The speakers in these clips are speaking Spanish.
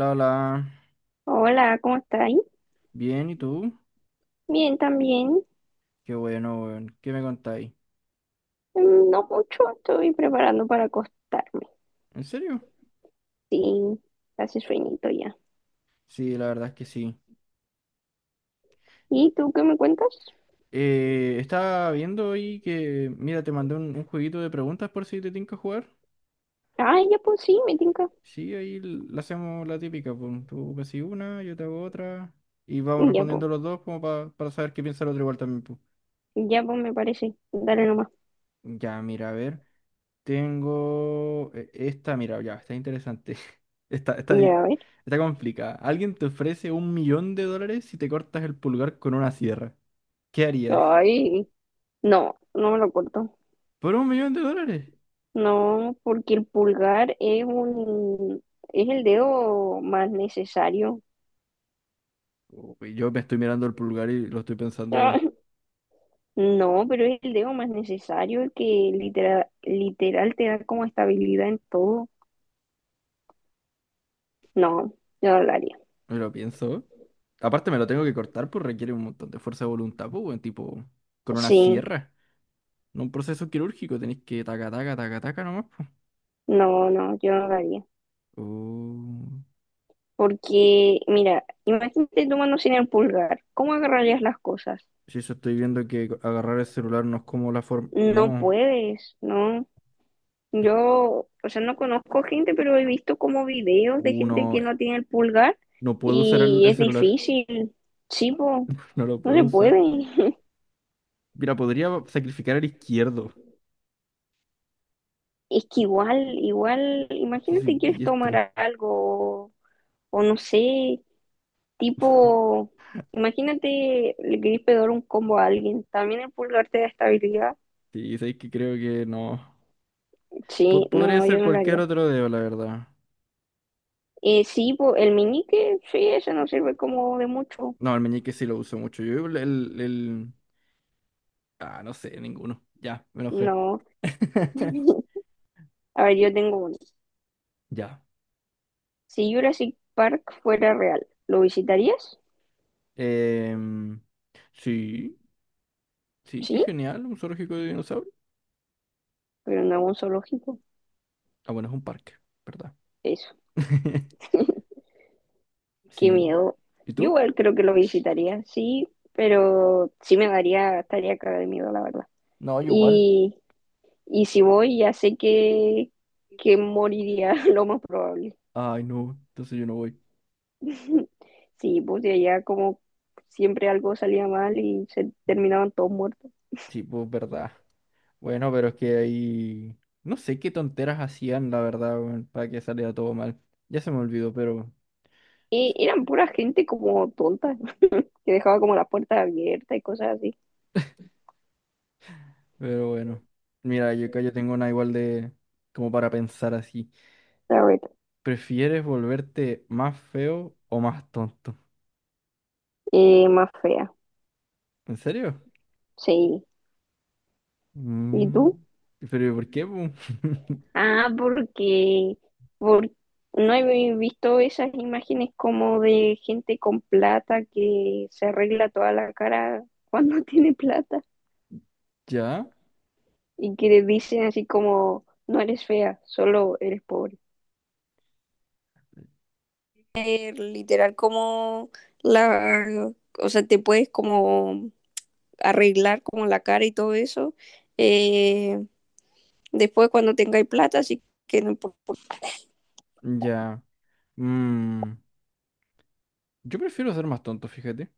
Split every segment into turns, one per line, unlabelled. La, la,
Hola, ¿cómo estáis?
bien, ¿y tú?
Bien, también.
Qué bueno, weón. ¿Qué me contáis?
No mucho, estoy preparando para acostarme.
¿En serio?
Sí, hace sueñito ya.
Sí, la verdad es que sí.
¿Y tú qué me cuentas?
Estaba viendo ahí que, mira, te mandé un jueguito de preguntas por si te tinca jugar.
Ya pues sí, me tinca.
Sí, ahí la hacemos la típica, pues tú me haces una, yo te hago otra. Y vamos
Ya
respondiendo
pues,
los dos como para saber qué piensa el otro igual también, pues.
ya pues me parece. Dale nomás.
Ya, mira, a ver. Tengo esta, mira, ya, está interesante. Está, está,
Ya, a
di-
ver.
Está complicada. Alguien te ofrece $1.000.000 si te cortas el pulgar con una sierra. ¿Qué harías?
Ay, no, no me lo corto.
¿Por $1.000.000?
No, porque el pulgar es un, es el dedo más necesario.
Uy, yo me estoy mirando el pulgar y lo estoy pensando,
Ah,
weón.
No, pero es el dedo más necesario, el que literal te da como estabilidad en todo. No, yo no lo haría.
Me lo pienso. Aparte me lo tengo que cortar, pues requiere un montón de fuerza de voluntad, pues, weón, tipo, con una
Sí,
sierra. No un proceso quirúrgico, tenéis que taca, taca, taca, taca nomás, pues.
no, no, yo no lo haría.
Uh,
Porque, mira, imagínate tu mano sin el pulgar. ¿Cómo agarrarías las cosas?
si eso estoy viendo que agarrar el celular no es como la forma...
No
No.
puedes, ¿no?
eh,
Yo, o sea, no conozco gente, pero he visto como videos de gente
Uno,
que no tiene el pulgar
no puedo usar el,
y
el
es
celular,
difícil. Sí, po,
no lo
no
puedo
se
usar.
puede.
Mira, podría sacrificar al izquierdo.
Es que igual,
Es que soy
imagínate quieres
diestro.
tomar algo o no sé, Tipo, imagínate, le querés pegar un combo a alguien. También el pulgar te da estabilidad.
Sí, sabéis que creo que no.
Sí,
Podría
no, yo
ser
no lo
cualquier
haría.
otro dedo, la verdad.
Sí, po, el meñique, sí, ese no sirve como de mucho.
No, el meñique sí lo uso mucho. Yo el- Ah, no sé, ninguno. Ya, me enojé.
No. A ver, yo tengo uno.
Ya.
Si Jurassic Park fuera real, ¿lo visitarías?
Em, sí, sí, qué
Sí,
genial, un zoológico de dinosaurios.
pero no es un zoológico.
Ah, bueno, es un parque, ¿verdad?
Eso, qué
Sí.
miedo.
¿Y
Yo
tú?
igual creo que lo visitaría, sí, pero sí me daría, estaría cara de miedo, la verdad.
No, yo igual.
Y Y si voy, ya sé que moriría lo más probable.
Ay, no, entonces yo no voy.
Sí, pues de allá como siempre algo salía mal y se terminaban todos muertos.
Sí, pues verdad. Bueno, pero es que ahí... No sé qué tonteras hacían, la verdad, weón, para que saliera todo mal. Ya se me olvidó, pero...
Y eran pura gente como tonta, que dejaba como las puertas abiertas y cosas así.
Pero bueno. Mira, yo acá yo tengo una igual de... Como para pensar así.
A ver,
¿Prefieres volverte más feo o más tonto?
más fea,
¿En serio?
sí. ¿Y
Mm.
tú?
Pero ¿por qué, po?
Ah, porque, por- no he visto esas imágenes como de gente con plata que se arregla toda la cara cuando tiene plata.
¿Ya?
Y que le dicen así como, no eres fea, solo eres pobre. Literal como la, o sea, te puedes como arreglar como la cara y todo eso. eh, Después cuando tengáis plata, así que no importa.
Ya. Mm, Yo prefiero ser más tonto, fíjate.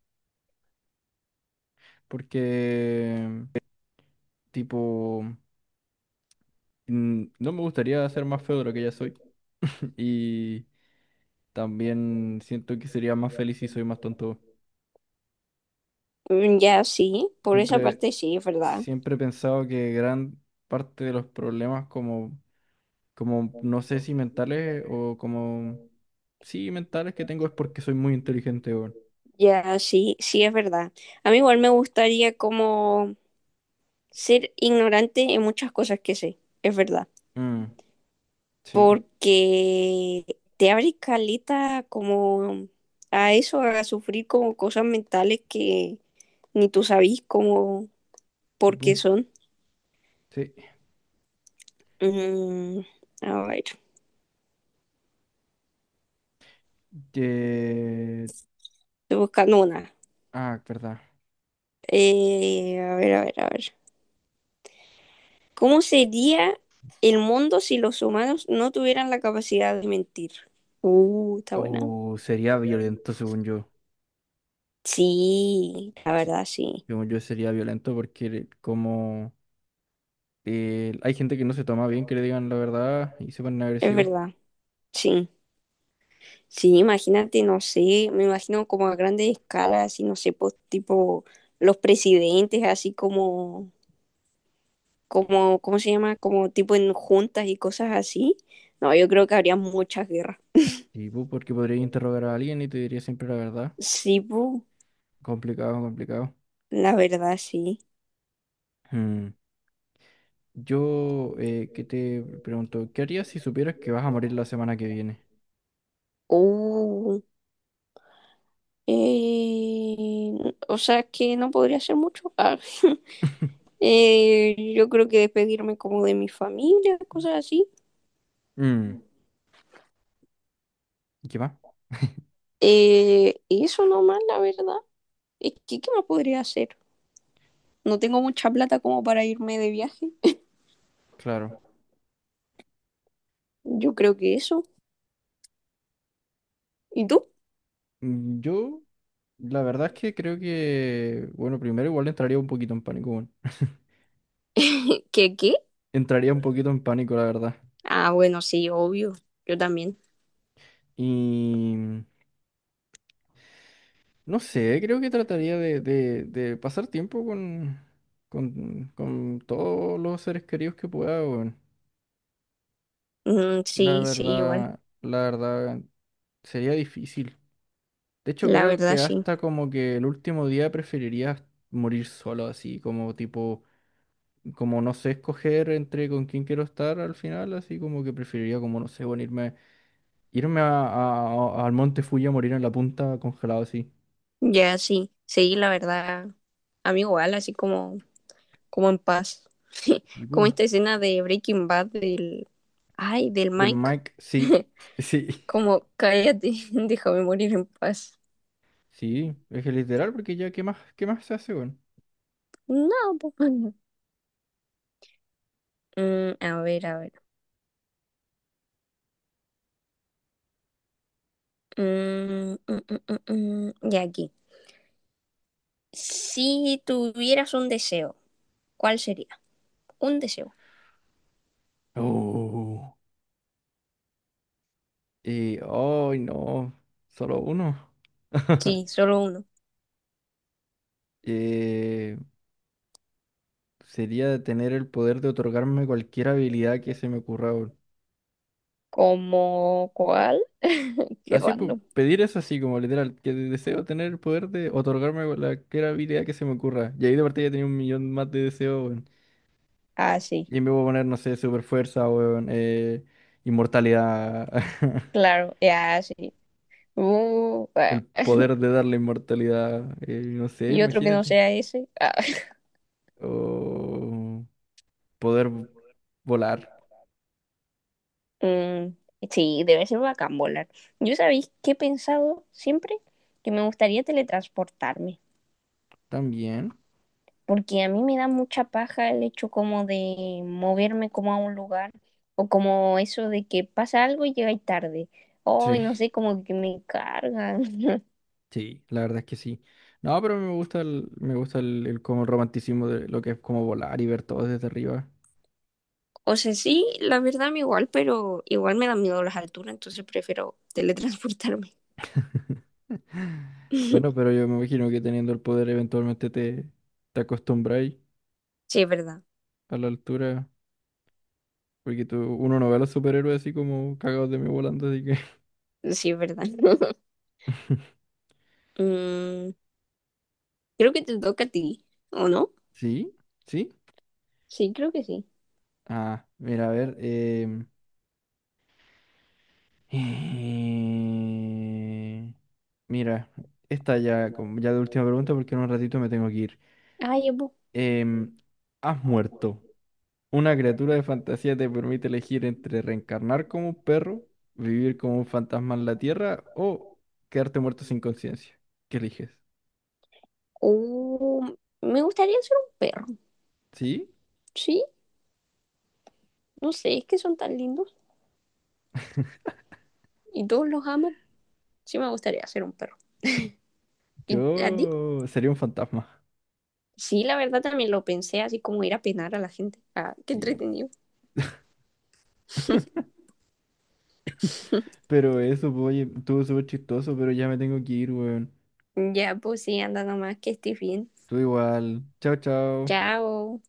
Porque... Tipo... no me gustaría ser más feo de lo que ya soy. Y también siento que sería más feliz si soy más tonto.
Ya sí, por esa
Siempre,
parte sí, es verdad.
siempre he pensado que gran parte de los problemas como, como no sé si mentales o como, sí, mentales que tengo es porque soy muy inteligente, weón.
Ya sí, sí es verdad. A mí igual me gustaría como ser ignorante en muchas cosas que sé, es verdad.
Mm, sí,
Porque te abre caleta como a eso, a sufrir como cosas mentales que ni tú sabís como
sí,
por
pu,
qué son.
sí.
Mm, a ver,
Que-
estoy buscando una.
Ah, verdad.
A ver. ¿Cómo sería el mundo si los humanos no tuvieran la capacidad de mentir? Está buena.
Oh, sería violento según yo.
Sí, la
Sí,
verdad, sí.
según yo sería violento porque como... hay gente que no se toma bien que le digan la verdad y se ponen
Es
agresivos.
verdad, sí. Sí, imagínate, no sé, me imagino como a grandes escalas, así, no sé, pues tipo los presidentes, así como, como, ¿cómo se llama? Como tipo en juntas y cosas así. No, yo creo que habría muchas guerras.
Y pu, porque podrías interrogar a alguien y te diría siempre la verdad.
Sí, pu,
Complicado, complicado.
la verdad, sí.
Mm. Yo que te pregunto, ¿qué harías si supieras que vas a morir la semana que viene?
Uh, eh, o sea que no podría hacer mucho. Ah, yo creo que despedirme como de mi familia, cosas así.
Mm, ¿y qué más?
Y eso nomás, la verdad. Es que, ¿qué más podría hacer? No tengo mucha plata como para irme de viaje.
Claro.
Yo creo que eso. ¿Y tú?
Yo, la verdad es que creo que, bueno, primero igual entraría un poquito en pánico, bueno.
¿Qué, qué?
Entraría un poquito en pánico, la verdad.
Ah, bueno, sí, obvio. Yo también.
Y no sé, creo que trataría de pasar tiempo con todos los seres queridos que pueda, weón.
Mm, sí, sí, igual.
La verdad, sería difícil. De hecho,
La
creo
verdad,
que
sí.
hasta como que el último día preferiría morir solo, así como tipo, como no sé escoger entre con quién quiero estar al final, así como que preferiría como, no sé, bueno, irme al Monte Fuji a morir en la punta congelado así.
Ya, sí. Sí, la verdad. A mí igual, así como, como en paz.
Y
Como
boom,
esta escena de Breaking Bad del... Ay, del
del
Mike.
Mike, sí, sí.
Como, cállate, déjame morir en paz.
Sí, es que literal, porque ya, qué más se hace, weón?
No, po. A ver. Ya aquí. Si tuvieras un deseo, ¿cuál sería? Un deseo.
Oh. Y, ay, no, solo uno.
Sí, solo uno.
Eh, sería tener el poder de otorgarme cualquier habilidad que se me ocurra, weón.
¿Como cuál? Qué
Así, pues,
random.
pedir eso así, como literal, que deseo tener el poder de otorgarme cualquier habilidad que se me ocurra. Y ahí de partida tenía 1.000.000 más de deseos, weón.
Ah, sí,
Y me voy a poner, no sé, super fuerza, weón, inmortalidad.
claro, ya, sí. Uh, ah,
El poder de darle inmortalidad, no sé,
y otro que no
imagínate.
sea ese. Ah,
O poder volar
mm, sí, debe ser bacán volar. Yo sabéis que he pensado siempre que me gustaría teletransportarme.
también.
Porque a mí me da mucha paja el hecho como de moverme como a un lugar o como eso de que pasa algo y llegáis tarde. Ay,
Sí,
no sé, como que me cargan.
sí, la verdad es que sí. No, pero me gusta el, me gusta el como romanticismo de lo que es como volar y ver todo desde arriba.
O sea, sí, la verdad me igual, pero igual me dan miedo las alturas, entonces prefiero teletransportarme.
Bueno, pero yo me imagino que teniendo el poder eventualmente te acostumbráis
Sí, es verdad.
a la altura. Porque tú, uno no ve a los superhéroes así como cagados de mí volando, así que.
Sí, es verdad. Mm, Creo que te toca a ti, ¿o no?
¿Sí? ¿Sí?
Sí, creo que sí.
Ah, mira, a ver. Eh, Mira, esta ya, ya la última pregunta porque en un ratito me tengo que ir.
Ay, llevo.
Em, ¿Has muerto? ¿Una criatura de fantasía te permite elegir entre reencarnar como un perro, vivir como un fantasma en la tierra o quedarte muerto sin conciencia? ¿Qué eliges?
Oh, me gustaría ser un perro.
Sí,
Sí, no sé, es que son tan lindos y todos los aman. Sí me gustaría ser un perro. ¿Y a ti?
yo sería un fantasma.
Sí, la verdad también lo pensé, así como ir a penar a la gente. Ah, qué
Sí.
entretenido.
Pero eso, pues, oye, estuvo súper chistoso, pero ya me tengo que ir, weón.
Ya, pues sí, anda nomás, que estés bien.
Tú igual. Chao, chao.
Chao.